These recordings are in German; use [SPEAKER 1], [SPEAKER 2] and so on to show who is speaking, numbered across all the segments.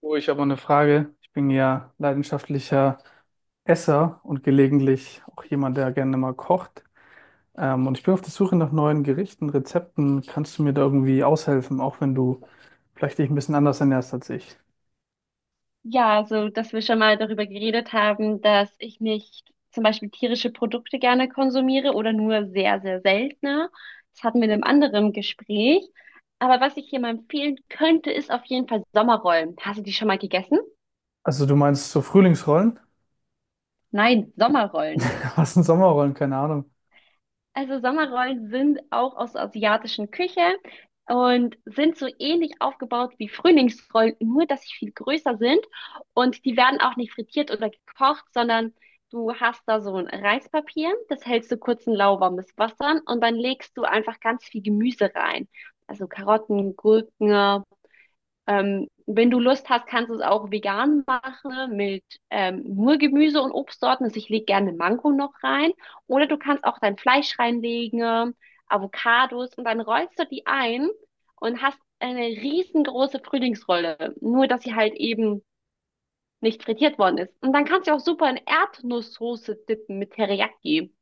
[SPEAKER 1] Oh, ich habe mal eine Frage. Ich bin ja leidenschaftlicher Esser und gelegentlich auch jemand, der gerne mal kocht. Und ich bin auf der Suche nach neuen Gerichten, Rezepten. Kannst du mir da irgendwie aushelfen, auch wenn du vielleicht dich ein bisschen anders ernährst als ich?
[SPEAKER 2] Ja, also dass wir schon mal darüber geredet haben, dass ich nicht zum Beispiel tierische Produkte gerne konsumiere oder nur sehr, sehr seltener. Das hatten wir in einem anderen Gespräch. Aber was ich hier mal empfehlen könnte, ist auf jeden Fall Sommerrollen. Hast du die schon mal gegessen?
[SPEAKER 1] Also du meinst so Frühlingsrollen?
[SPEAKER 2] Nein, Sommerrollen.
[SPEAKER 1] Was sind Sommerrollen? Keine Ahnung.
[SPEAKER 2] Also Sommerrollen sind auch aus der asiatischen Küche und sind so ähnlich aufgebaut wie Frühlingsrollen, nur dass sie viel größer sind, und die werden auch nicht frittiert oder gekocht, sondern du hast da so ein Reispapier, das hältst du kurz in lauwarmes Wasser und dann legst du einfach ganz viel Gemüse rein. Also Karotten, Gurken, wenn du Lust hast, kannst du es auch vegan machen mit nur Gemüse und Obstsorten. Also ich lege gerne Mango noch rein. Oder du kannst auch dein Fleisch reinlegen, Avocados, und dann rollst du die ein und hast eine riesengroße Frühlingsrolle. Nur, dass sie halt eben nicht frittiert worden ist. Und dann kannst du auch super in Erdnusssoße dippen mit Teriyaki.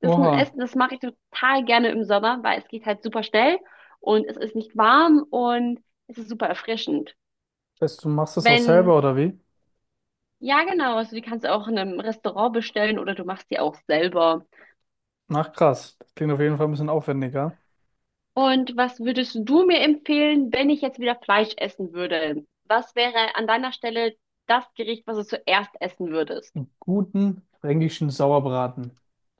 [SPEAKER 2] Das ist ein
[SPEAKER 1] Oha,
[SPEAKER 2] Essen, das mache ich total gerne im Sommer, weil es geht halt super schnell und es ist nicht warm und es ist super erfrischend.
[SPEAKER 1] weißt du, machst das auch selber
[SPEAKER 2] Wenn,
[SPEAKER 1] oder wie?
[SPEAKER 2] ja genau, also die kannst du auch in einem Restaurant bestellen oder du machst die auch selber.
[SPEAKER 1] Ach krass, das klingt auf jeden Fall ein bisschen aufwendiger.
[SPEAKER 2] Und was würdest du mir empfehlen, wenn ich jetzt wieder Fleisch essen würde? Was wäre an deiner Stelle das Gericht, was du zuerst essen würdest?
[SPEAKER 1] Einen guten fränkischen Sauerbraten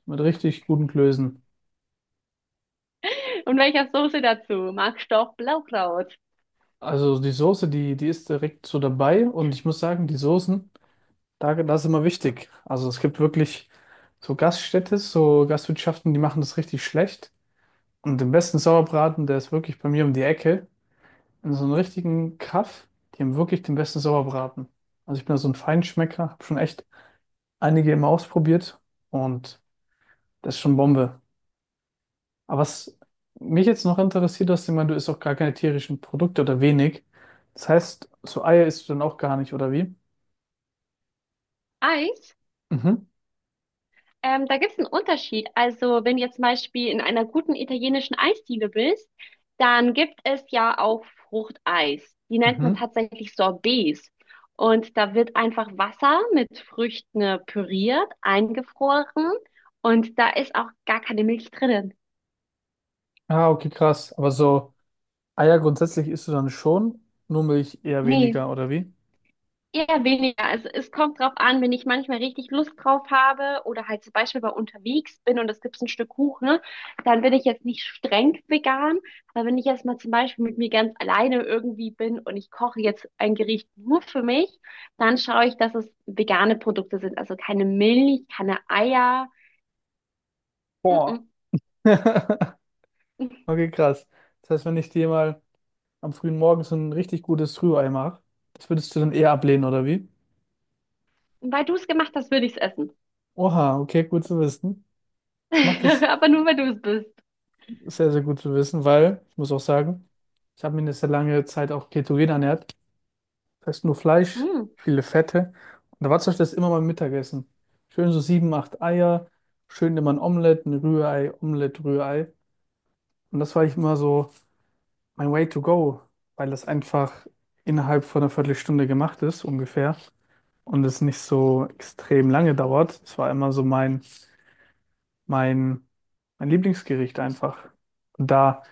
[SPEAKER 1] mit richtig guten Klößen.
[SPEAKER 2] Und welcher Soße dazu? Magst du auch Blaukraut?
[SPEAKER 1] Also die Soße, die ist direkt so dabei und ich muss sagen, die Soßen, da, das ist immer wichtig. Also es gibt wirklich so Gaststätte, so Gastwirtschaften, die machen das richtig schlecht. Und den besten Sauerbraten, der ist wirklich bei mir um die Ecke. In so einem richtigen Kaff, die haben wirklich den besten Sauerbraten. Also ich bin da so ein Feinschmecker, habe schon echt einige immer ausprobiert und das ist schon Bombe. Aber was mich jetzt noch interessiert, dass du meinst, du isst auch gar keine tierischen Produkte oder wenig. Das heißt, so Eier isst du dann auch gar nicht, oder wie?
[SPEAKER 2] Eis?
[SPEAKER 1] Mhm.
[SPEAKER 2] Da gibt es einen Unterschied. Also, wenn du jetzt zum Beispiel in einer guten italienischen Eisdiele bist, dann gibt es ja auch Fruchteis. Die nennt man
[SPEAKER 1] Mhm.
[SPEAKER 2] tatsächlich Sorbets. Und da wird einfach Wasser mit Früchten püriert, eingefroren. Und da ist auch gar keine Milch drinnen.
[SPEAKER 1] Ah, okay, krass. Aber so Eier grundsätzlich isst du dann schon, nur Milch eher
[SPEAKER 2] Nee.
[SPEAKER 1] weniger, oder wie?
[SPEAKER 2] Eher weniger. Also es kommt drauf an, wenn ich manchmal richtig Lust drauf habe oder halt zum Beispiel mal unterwegs bin und es gibt ein Stück Kuchen, ne, dann bin ich jetzt nicht streng vegan. Aber wenn ich jetzt mal zum Beispiel mit mir ganz alleine irgendwie bin und ich koche jetzt ein Gericht nur für mich, dann schaue ich, dass es vegane Produkte sind. Also keine Milch, keine Eier.
[SPEAKER 1] Boah.
[SPEAKER 2] Mm-mm.
[SPEAKER 1] Okay, krass. Das heißt, wenn ich dir mal am frühen Morgen so ein richtig gutes Rührei mache, das würdest du dann eher ablehnen, oder wie?
[SPEAKER 2] Weil du es gemacht hast, würde ich es essen.
[SPEAKER 1] Oha, okay, gut zu wissen. Ich mache das
[SPEAKER 2] Aber nur, weil du es bist.
[SPEAKER 1] sehr, sehr gut zu wissen, weil ich muss auch sagen, ich habe mich eine sehr lange Zeit auch ketogen ernährt. Das heißt nur Fleisch,
[SPEAKER 2] Mm.
[SPEAKER 1] viele Fette. Und da war zum Beispiel das immer mein Mittagessen. Schön so 7, 8 Eier, schön immer ein Omelett, ein Rührei, Omelett, Rührei. Und das war ich immer so mein Way to go, weil das einfach innerhalb von einer Viertelstunde gemacht ist, ungefähr. Und es nicht so extrem lange dauert. Es war immer so mein, mein Lieblingsgericht einfach. Und da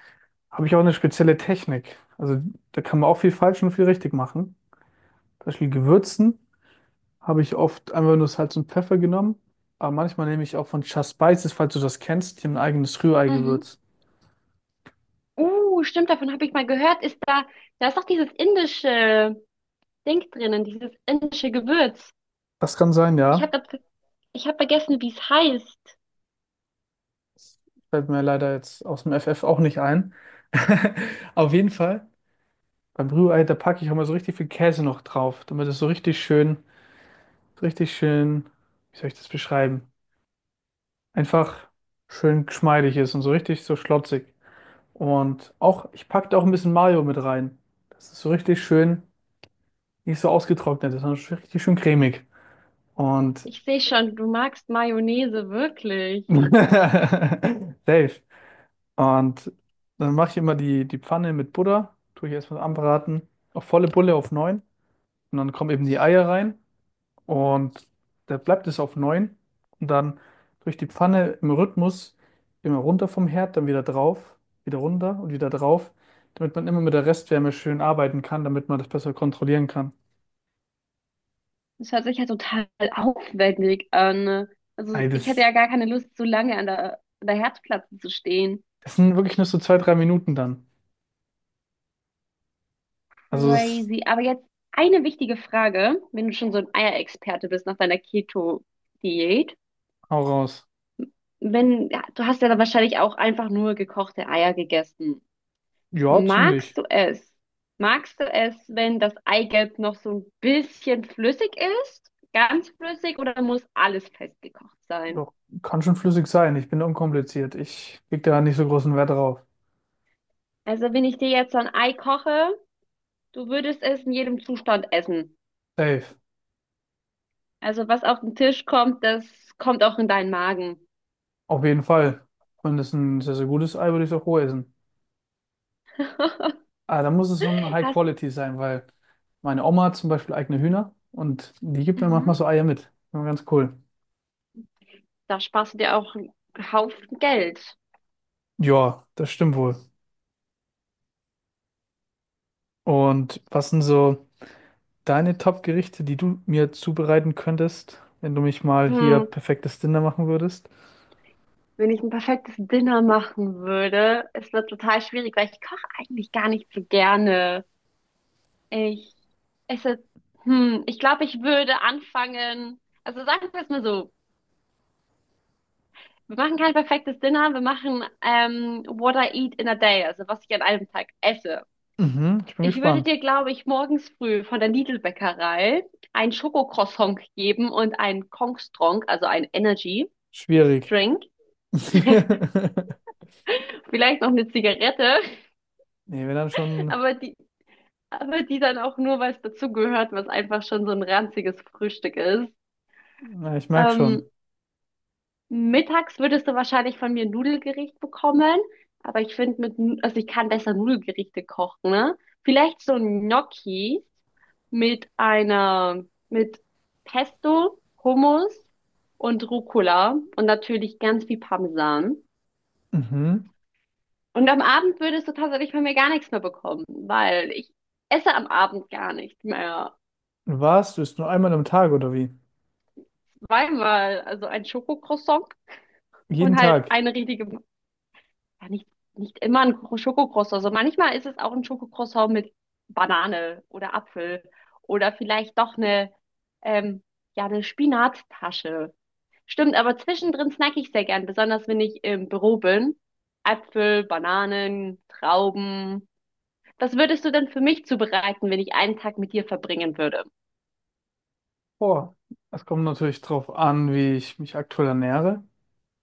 [SPEAKER 1] habe ich auch eine spezielle Technik. Also da kann man auch viel falsch und viel richtig machen. Zum Beispiel Gewürzen. Habe ich oft einfach nur Salz und Pfeffer genommen. Aber manchmal nehme ich auch von Just Spices, falls du das kennst, hier ein eigenes
[SPEAKER 2] Mhm.
[SPEAKER 1] Rührei-Gewürz.
[SPEAKER 2] Stimmt, davon habe ich mal gehört. Ist da, da ist doch dieses indische. Ding drinnen, dieses indische Gewürz.
[SPEAKER 1] Das kann sein,
[SPEAKER 2] Ich
[SPEAKER 1] ja.
[SPEAKER 2] habe ich hab vergessen, wie es heißt.
[SPEAKER 1] Das fällt mir leider jetzt aus dem FF auch nicht ein. Auf jeden Fall, beim Rührei, da packe ich auch mal so richtig viel Käse noch drauf, damit es so richtig schön, wie soll ich das beschreiben? Einfach schön geschmeidig ist und so richtig so schlotzig. Und auch, ich packe da auch ein bisschen Mayo mit rein. Das ist so richtig schön, nicht so ausgetrocknet, ist, sondern richtig schön cremig. Und
[SPEAKER 2] Ich sehe schon, du magst Mayonnaise wirklich.
[SPEAKER 1] safe. Und dann mache ich immer die Pfanne mit Butter, tue ich erstmal anbraten, auf volle Bulle auf neun. Und dann kommen eben die Eier rein und da bleibt es auf neun. Und dann durch die Pfanne im Rhythmus immer runter vom Herd, dann wieder drauf, wieder runter und wieder drauf, damit man immer mit der Restwärme schön arbeiten kann, damit man das besser kontrollieren kann.
[SPEAKER 2] Das hört sich ja total aufwendig an. Also
[SPEAKER 1] Ey,
[SPEAKER 2] ich hätte
[SPEAKER 1] das,
[SPEAKER 2] ja gar keine Lust, so lange an der Herdplatte zu stehen.
[SPEAKER 1] das sind wirklich nur so 2, 3 Minuten dann. Also es
[SPEAKER 2] Crazy. Aber jetzt eine wichtige Frage, wenn du schon so ein Eierexperte bist nach deiner Keto-Diät.
[SPEAKER 1] Hau raus.
[SPEAKER 2] Wenn, ja, du hast ja dann wahrscheinlich auch einfach nur gekochte Eier gegessen.
[SPEAKER 1] Ja,
[SPEAKER 2] Magst
[SPEAKER 1] ziemlich.
[SPEAKER 2] du es? Magst du es, wenn das Eigelb noch so ein bisschen flüssig ist? Ganz flüssig oder muss alles festgekocht sein?
[SPEAKER 1] Doch, kann schon flüssig sein. Ich bin unkompliziert. Ich leg da nicht so großen Wert drauf.
[SPEAKER 2] Also, wenn ich dir jetzt so ein Ei koche, du würdest es in jedem Zustand essen.
[SPEAKER 1] Safe.
[SPEAKER 2] Also, was auf den Tisch kommt, das kommt auch in deinen Magen.
[SPEAKER 1] Auf jeden Fall. Wenn das ein sehr, sehr gutes Ei, würde ich es auch roh essen. Aber dann muss es schon High
[SPEAKER 2] Hast,
[SPEAKER 1] Quality sein, weil meine Oma hat zum Beispiel eigene Hühner und die gibt mir
[SPEAKER 2] mhm.
[SPEAKER 1] manchmal so Eier mit. Ja, ganz cool.
[SPEAKER 2] Da sparst du dir auch einen Haufen Geld.
[SPEAKER 1] Ja, das stimmt wohl. Und was sind so deine Top-Gerichte, die du mir zubereiten könntest, wenn du mich mal hier
[SPEAKER 2] Hm.
[SPEAKER 1] perfektes Dinner machen würdest?
[SPEAKER 2] Wenn ich ein perfektes Dinner machen würde, es wird total schwierig, weil ich koche eigentlich gar nicht so gerne. Ich, es ist, hm, ich glaube, ich würde anfangen. Also sagen wir es mal so. Wir machen kein perfektes Dinner, wir machen what I eat in a day, also was ich an einem Tag esse.
[SPEAKER 1] Mhm, ich bin
[SPEAKER 2] Ich würde
[SPEAKER 1] gespannt.
[SPEAKER 2] dir, glaube ich, morgens früh von der Lidl-Bäckerei ein Schokocroissant geben und einen Kongstrong, also ein Energy
[SPEAKER 1] Schwierig.
[SPEAKER 2] Drink. Vielleicht noch eine Zigarette,
[SPEAKER 1] Nee, wenn dann schon.
[SPEAKER 2] aber die dann auch nur, weil es dazugehört, was einfach schon so ein ranziges Frühstück ist.
[SPEAKER 1] Na, ich merke
[SPEAKER 2] Ähm,
[SPEAKER 1] schon.
[SPEAKER 2] Mittags würdest du wahrscheinlich von mir ein Nudelgericht bekommen, aber ich finde mit, also ich kann besser Nudelgerichte kochen, ne? Vielleicht so ein Gnocchi mit einer, mit Pesto, Hummus und Rucola und natürlich ganz viel Parmesan.
[SPEAKER 1] Mhm.
[SPEAKER 2] Und am Abend würdest du tatsächlich von mir gar nichts mehr bekommen, weil ich esse am Abend gar nichts mehr.
[SPEAKER 1] Was? Du isst nur einmal am Tag oder wie?
[SPEAKER 2] Zweimal, also ein Schokocroissant
[SPEAKER 1] Jeden
[SPEAKER 2] und halt
[SPEAKER 1] Tag.
[SPEAKER 2] eine richtige Ja, nicht immer ein Schokocroissant. Also manchmal ist es auch ein Schokocroissant mit Banane oder Apfel oder vielleicht doch eine, ähm, ja, eine Spinattasche. Stimmt, aber zwischendrin snacke ich sehr gern, besonders wenn ich im Büro bin. Äpfel, Bananen, Trauben. Was würdest du denn für mich zubereiten, wenn ich einen Tag mit dir verbringen würde?
[SPEAKER 1] Boah, es kommt natürlich drauf an, wie ich mich aktuell ernähre.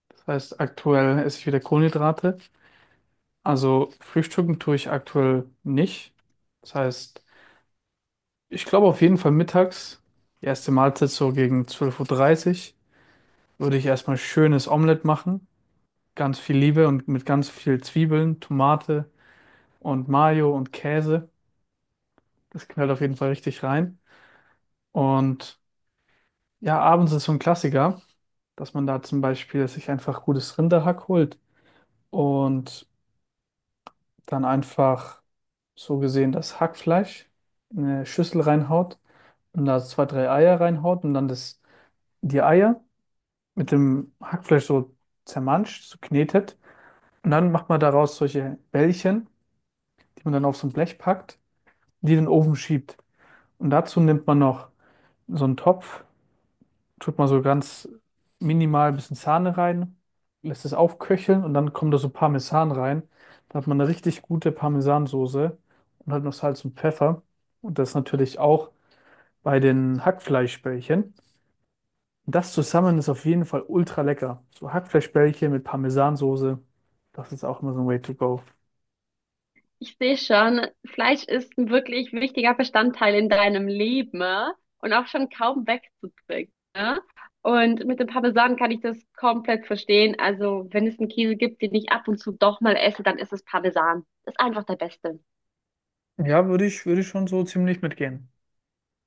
[SPEAKER 1] Das heißt, aktuell esse ich wieder Kohlenhydrate. Also frühstücken tue ich aktuell nicht. Das heißt, ich glaube auf jeden Fall mittags, die erste Mahlzeit so gegen 12:30 Uhr, dreißig, würde ich erstmal schönes Omelett machen. Ganz viel Liebe und mit ganz viel Zwiebeln, Tomate und Mayo und Käse. Das knallt auf jeden Fall richtig rein. Und ja, abends ist so ein Klassiker, dass man da zum Beispiel sich einfach gutes Rinderhack holt und dann einfach so gesehen das Hackfleisch in eine Schüssel reinhaut und da 2, 3 Eier reinhaut und dann das, die Eier mit dem Hackfleisch so zermanscht, so knetet. Und dann macht man daraus solche Bällchen, die man dann auf so ein Blech packt, die in den Ofen schiebt. Und dazu nimmt man noch so einen Topf, tut man so ganz minimal ein bisschen Sahne rein, lässt es aufköcheln und dann kommt da so Parmesan rein. Da hat man eine richtig gute Parmesansoße und halt noch Salz und Pfeffer. Und das natürlich auch bei den Hackfleischbällchen. Das zusammen ist auf jeden Fall ultra lecker. So Hackfleischbällchen mit Parmesansoße, das ist auch immer so ein Way to go.
[SPEAKER 2] Ich sehe schon, Fleisch ist ein wirklich wichtiger Bestandteil in deinem Leben, ne? Und auch schon kaum wegzubringen. Ne? Und mit dem Parmesan kann ich das komplett verstehen. Also, wenn es einen Käse gibt, den ich ab und zu doch mal esse, dann ist es Parmesan. Ist einfach der Beste.
[SPEAKER 1] Ja, würde ich schon so ziemlich mitgehen.